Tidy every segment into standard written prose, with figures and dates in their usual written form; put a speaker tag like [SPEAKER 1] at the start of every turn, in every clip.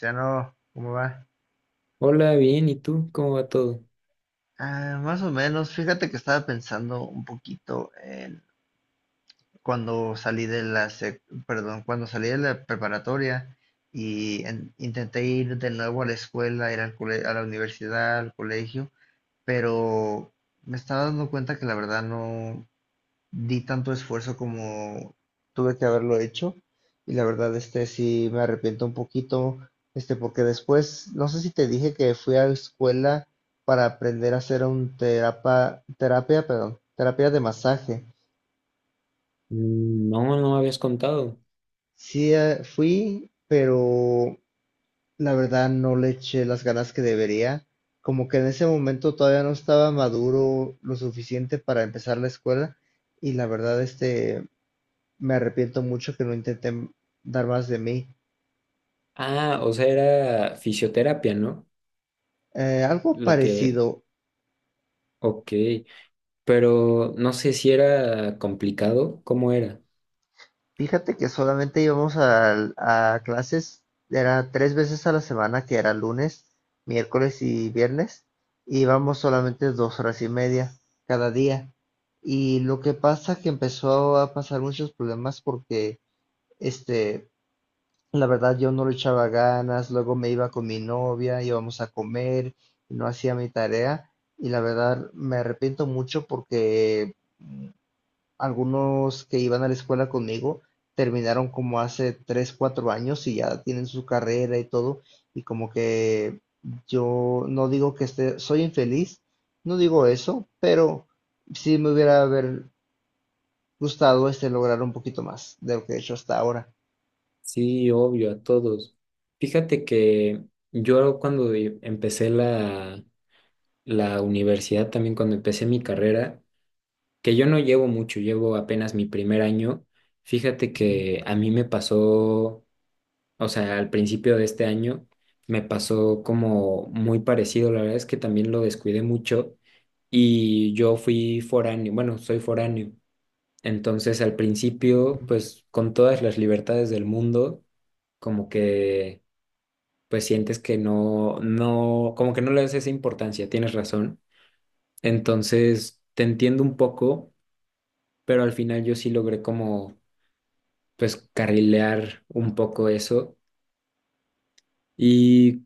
[SPEAKER 1] Ya no, ¿cómo va?
[SPEAKER 2] Hola, bien, ¿y tú? ¿Cómo va todo?
[SPEAKER 1] Ah, más o menos, fíjate que estaba pensando un poquito en cuando salí de la perdón, cuando salí de la preparatoria y intenté ir de nuevo a la escuela, ir al a la universidad, al colegio, pero me estaba dando cuenta que la verdad no, di tanto esfuerzo como tuve que haberlo hecho y la verdad sí me arrepiento un poquito porque después no sé si te dije que fui a la escuela para aprender a hacer un terapia, perdón, terapia de masaje.
[SPEAKER 2] Mm, no, no me habías contado.
[SPEAKER 1] Sí, fui, pero la verdad no le eché las ganas que debería. Como que en ese momento todavía no estaba maduro lo suficiente para empezar la escuela y la verdad me arrepiento mucho que no intenté dar más de mí.
[SPEAKER 2] Ah, o sea, era fisioterapia, ¿no?
[SPEAKER 1] Algo
[SPEAKER 2] Lo que...
[SPEAKER 1] parecido.
[SPEAKER 2] Ok, pero no sé si era complicado, ¿cómo era?
[SPEAKER 1] Fíjate que solamente íbamos a clases, era tres veces a la semana, que era lunes, miércoles y viernes, y íbamos solamente dos horas y media cada día. Y lo que pasa que empezó a pasar muchos problemas porque este la verdad, yo no le echaba ganas, luego me iba con mi novia, íbamos a comer, y no hacía mi tarea y la verdad me arrepiento mucho porque algunos que iban a la escuela conmigo terminaron como hace 3 4 años y ya tienen su carrera y todo y como que yo no digo que esté, soy infeliz, no digo eso, pero sí me hubiera haber gustado lograr un poquito más de lo que he hecho hasta ahora.
[SPEAKER 2] Sí, obvio, a todos. Fíjate que yo cuando empecé la universidad, también cuando empecé mi carrera, que yo no llevo mucho, llevo apenas mi primer año, fíjate
[SPEAKER 1] Ujú.
[SPEAKER 2] que a mí me pasó... O sea, al principio de este año me pasó como muy parecido, la verdad es que también lo descuidé mucho y yo fui foráneo, bueno, soy foráneo, entonces al principio, pues con todas las libertades del mundo, como que, pues sientes que no, no, como que no le das esa importancia, tienes razón, entonces te entiendo un poco, pero al final yo sí logré como, pues carrilear un poco eso. Y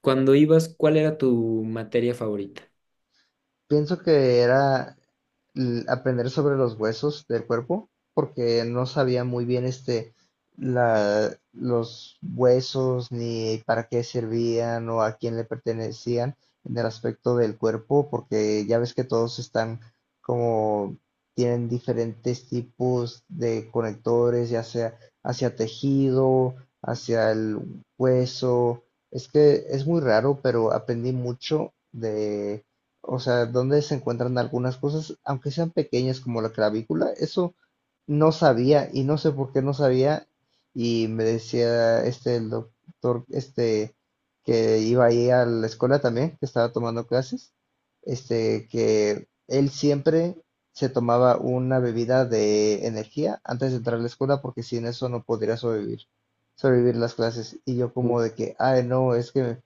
[SPEAKER 2] cuando ibas, ¿cuál era tu materia favorita?
[SPEAKER 1] Pienso que era aprender sobre los huesos del cuerpo, porque no sabía muy bien la, los huesos ni para qué servían o a quién le pertenecían en el aspecto del cuerpo, porque ya ves que todos están como tienen diferentes tipos de conectores, ya sea hacia tejido, hacia el hueso. Es que es muy raro, pero aprendí mucho de, o sea, donde se encuentran algunas cosas, aunque sean pequeñas como la clavícula, eso no sabía y no sé por qué no sabía y me decía el doctor que iba ahí a la escuela también, que estaba tomando clases, que él siempre se tomaba una bebida de energía antes de entrar a la escuela porque sin eso no podría sobrevivir, sobrevivir las clases y yo
[SPEAKER 2] Uh.
[SPEAKER 1] como de que, ay no, es que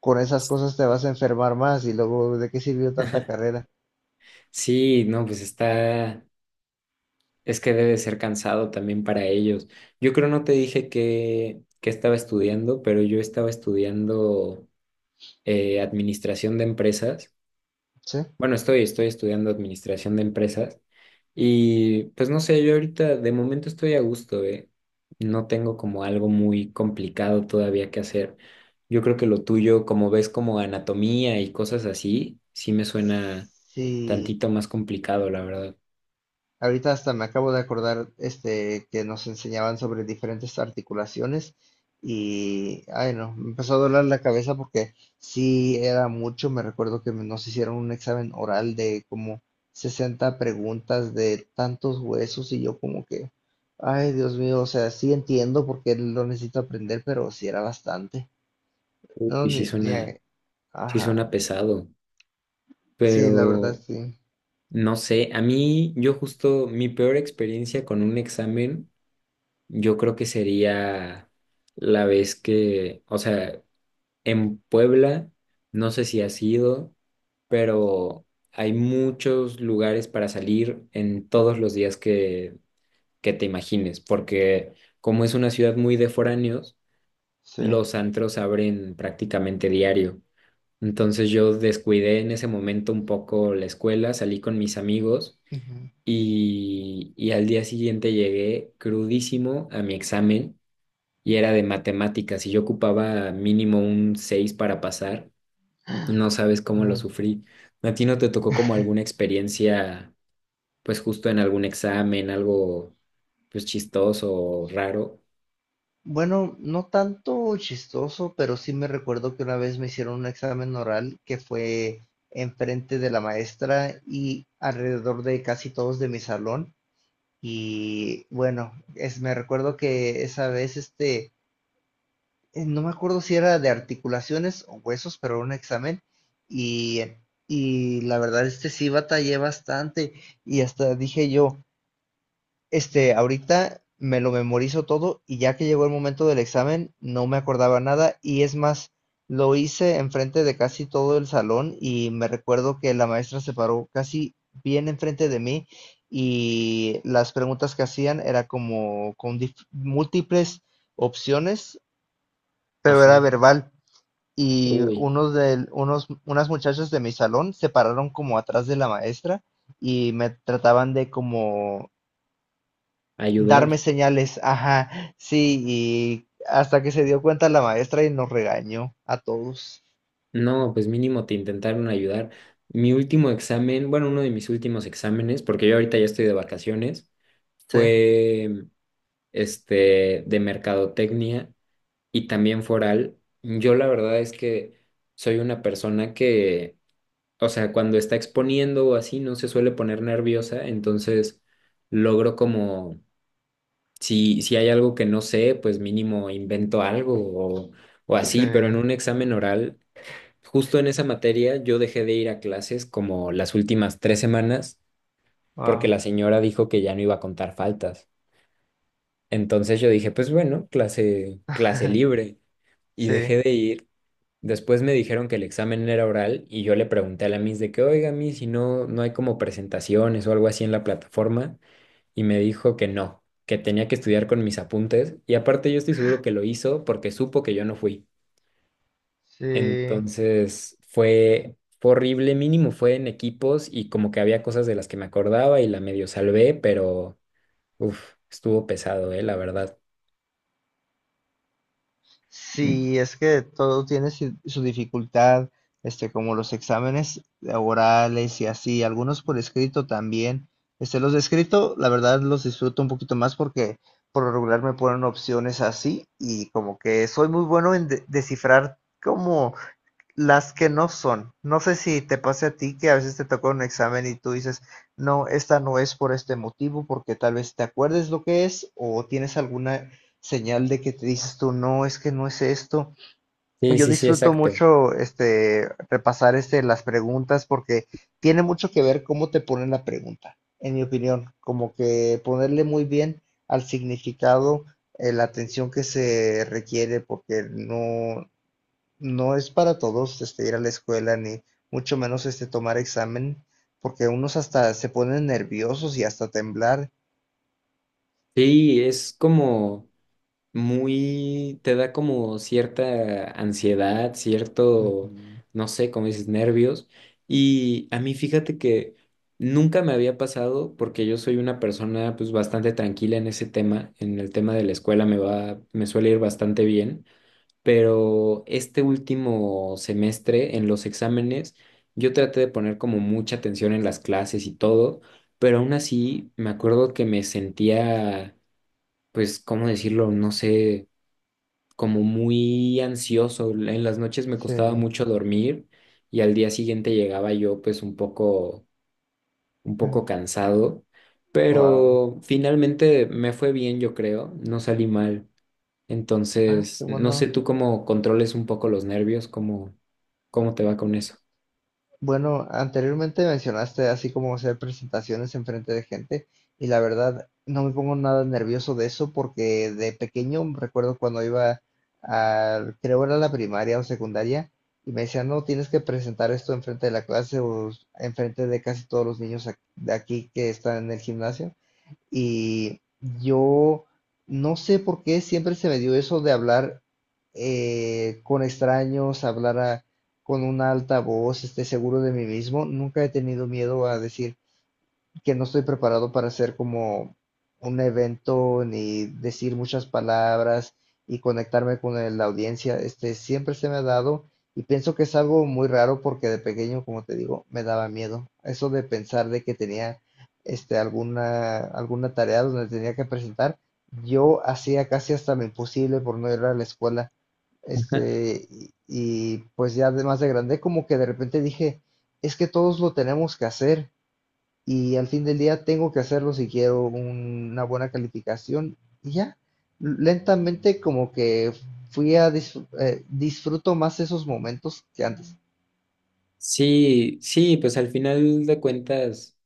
[SPEAKER 1] con esas cosas te vas a enfermar más y luego, ¿de qué sirvió tanta carrera?
[SPEAKER 2] Sí, no, pues está, es que debe ser cansado también para ellos. Yo creo no te dije que estaba estudiando, pero yo estaba estudiando administración de empresas.
[SPEAKER 1] Sí.
[SPEAKER 2] Bueno, estoy, estoy estudiando administración de empresas y pues no sé, yo ahorita de momento estoy a gusto, ¿eh? No tengo como algo muy complicado todavía que hacer. Yo creo que lo tuyo, como ves como anatomía y cosas así, sí me suena
[SPEAKER 1] Sí,
[SPEAKER 2] tantito más complicado, la verdad.
[SPEAKER 1] ahorita hasta me acabo de acordar que nos enseñaban sobre diferentes articulaciones y ay no, me empezó a doler la cabeza porque sí era mucho, me recuerdo que nos hicieron un examen oral de como 60 preguntas de tantos huesos y yo como que ay Dios mío, o sea, sí entiendo porque lo necesito aprender, pero sí era bastante. No,
[SPEAKER 2] Y
[SPEAKER 1] ni, ni a-
[SPEAKER 2] sí
[SPEAKER 1] ajá.
[SPEAKER 2] suena pesado,
[SPEAKER 1] Sí, la verdad,
[SPEAKER 2] pero
[SPEAKER 1] sí.
[SPEAKER 2] no sé, a mí yo justo mi peor experiencia con un examen, yo creo que sería la vez que, o sea, en Puebla, no sé si has ido, pero hay muchos lugares para salir en todos los días que te imagines, porque como es una ciudad muy de foráneos,
[SPEAKER 1] Sí.
[SPEAKER 2] los antros abren prácticamente diario. Entonces yo descuidé en ese momento un poco la escuela, salí con mis amigos
[SPEAKER 1] Ujú,
[SPEAKER 2] y al día siguiente llegué crudísimo a mi examen y era de matemáticas y yo ocupaba mínimo un 6 para pasar. No sabes cómo lo
[SPEAKER 1] no, no.
[SPEAKER 2] sufrí. ¿A ti no te tocó como alguna experiencia, pues justo en algún examen, algo pues chistoso o raro?
[SPEAKER 1] Bueno, no tanto chistoso, pero sí me recuerdo que una vez me hicieron un examen oral que fue enfrente de la maestra y alrededor de casi todos de mi salón. Y bueno, es, me recuerdo que esa vez, no me acuerdo si era de articulaciones o huesos, pero era un examen. Y, y la verdad, sí batallé bastante. Y hasta dije yo, este, ahorita me lo memorizo todo y ya que llegó el momento del examen no me acordaba nada y es más, lo hice enfrente de casi todo el salón y me recuerdo que la maestra se paró casi bien enfrente de mí y las preguntas que hacían era como con múltiples opciones, pero era
[SPEAKER 2] Ajá.
[SPEAKER 1] verbal y
[SPEAKER 2] Uy,
[SPEAKER 1] unas muchachas de mi salón se pararon como atrás de la maestra y me trataban de como darme
[SPEAKER 2] ayudar.
[SPEAKER 1] señales, ajá, sí, y hasta que se dio cuenta la maestra y nos regañó a todos.
[SPEAKER 2] No, pues mínimo te intentaron ayudar. Mi último examen, bueno, uno de mis últimos exámenes, porque yo ahorita ya estoy de vacaciones,
[SPEAKER 1] Sí,
[SPEAKER 2] fue este de mercadotecnia y también foral. Yo la verdad es que soy una persona que, o sea, cuando está exponiendo o así, no se suele poner nerviosa, entonces logro como, si, si hay algo que no sé, pues mínimo invento algo o así, pero en
[SPEAKER 1] sí,
[SPEAKER 2] un examen oral, justo en esa materia, yo dejé de ir a clases como las últimas tres semanas porque
[SPEAKER 1] wow.
[SPEAKER 2] la señora dijo que ya no iba a contar faltas. Entonces yo dije, pues bueno, clase, clase libre. Y dejé
[SPEAKER 1] Sí,
[SPEAKER 2] de ir. Después me dijeron que el examen era oral y yo le pregunté a la Miss de que, oiga, Miss, si no, no hay como presentaciones o algo así en la plataforma. Y me dijo que no, que tenía que estudiar con mis apuntes. Y aparte yo estoy seguro que lo hizo porque supo que yo no fui.
[SPEAKER 1] sí,
[SPEAKER 2] Entonces fue horrible, mínimo fue en equipos y como que había cosas de las que me acordaba y la medio salvé, pero uf, estuvo pesado, la verdad.
[SPEAKER 1] sí, es que todo tiene su dificultad, como los exámenes orales y así, algunos por escrito también. Los de escrito, la verdad, los disfruto un poquito más porque por lo regular me ponen opciones así y como que soy muy bueno en descifrar como las que no son. No sé si te pase a ti que a veces te toca un examen y tú dices, no, esta no es por este motivo, porque tal vez te acuerdes lo que es o tienes alguna señal de que te dices tú, no, es que no es esto.
[SPEAKER 2] Sí,
[SPEAKER 1] Yo
[SPEAKER 2] sí, sí,
[SPEAKER 1] disfruto
[SPEAKER 2] exacto.
[SPEAKER 1] mucho repasar las preguntas porque tiene mucho que ver cómo te ponen la pregunta, en mi opinión, como que ponerle muy bien al significado, la atención que se requiere porque no es para todos ir a la escuela, ni mucho menos tomar examen, porque unos hasta se ponen nerviosos y hasta temblar.
[SPEAKER 2] Sí, es como muy, te da como cierta ansiedad, cierto,
[SPEAKER 1] Ujú,
[SPEAKER 2] no sé, como dices, nervios. Y a mí fíjate que nunca me había pasado porque yo soy una persona pues bastante tranquila en ese tema, en el tema de la escuela me va, me suele ir bastante bien. Pero este último semestre en los exámenes yo traté de poner como mucha atención en las clases y todo, pero aún así me acuerdo que me sentía, pues, ¿cómo decirlo? No sé, como muy ansioso. En las noches me costaba
[SPEAKER 1] sí.
[SPEAKER 2] mucho dormir y al día siguiente llegaba yo pues un poco cansado,
[SPEAKER 1] Wow.
[SPEAKER 2] pero finalmente me fue bien, yo creo, no salí mal.
[SPEAKER 1] Ah,
[SPEAKER 2] Entonces,
[SPEAKER 1] qué
[SPEAKER 2] no sé
[SPEAKER 1] bueno.
[SPEAKER 2] tú cómo controles un poco los nervios, cómo, cómo te va con eso.
[SPEAKER 1] Bueno, anteriormente mencionaste así como hacer presentaciones en frente de gente y la verdad no me pongo nada nervioso de eso porque de pequeño recuerdo cuando iba a, creo era la primaria o secundaria y me decían, no, tienes que presentar esto en frente de la clase o en frente de casi todos los niños de aquí que están en el gimnasio. Y yo no sé por qué siempre se me dio eso de hablar, con extraños, con una alta voz, esté seguro de mí mismo. Nunca he tenido miedo a decir que no estoy preparado para hacer como un evento ni decir muchas palabras y conectarme con la audiencia. Este, siempre se me ha dado y pienso que es algo muy raro porque de pequeño, como te digo, me daba miedo. Eso de pensar de que tenía alguna tarea donde tenía que presentar, yo hacía casi hasta lo imposible por no ir a la escuela. Y pues ya de más de grande, como que de repente dije, es que todos lo tenemos que hacer y al fin del día tengo que hacerlo si quiero una buena calificación y ya, lentamente como que disfruto más esos momentos que antes.
[SPEAKER 2] Sí, sí, pues al final de cuentas,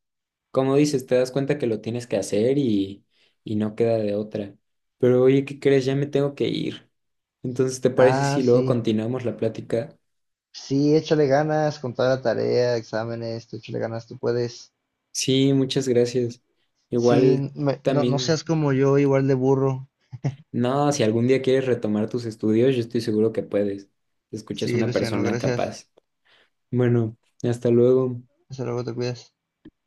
[SPEAKER 2] como dices, te das cuenta que lo tienes que hacer y no queda de otra. Pero oye, ¿qué crees? Ya me tengo que ir. Entonces, ¿te parece
[SPEAKER 1] Ah,
[SPEAKER 2] si luego
[SPEAKER 1] sí,
[SPEAKER 2] continuamos la plática?
[SPEAKER 1] sí, échale ganas con toda la tarea, exámenes, tú échale ganas, tú puedes.
[SPEAKER 2] Sí, muchas gracias. Igual
[SPEAKER 1] Sí, no, no
[SPEAKER 2] también,
[SPEAKER 1] seas como yo, igual de burro.
[SPEAKER 2] no, si algún día quieres retomar tus estudios, yo estoy seguro que puedes. Te escuchas
[SPEAKER 1] Sí,
[SPEAKER 2] una
[SPEAKER 1] Luciano,
[SPEAKER 2] persona
[SPEAKER 1] gracias.
[SPEAKER 2] capaz. Bueno, hasta luego.
[SPEAKER 1] Hasta luego, te cuidas.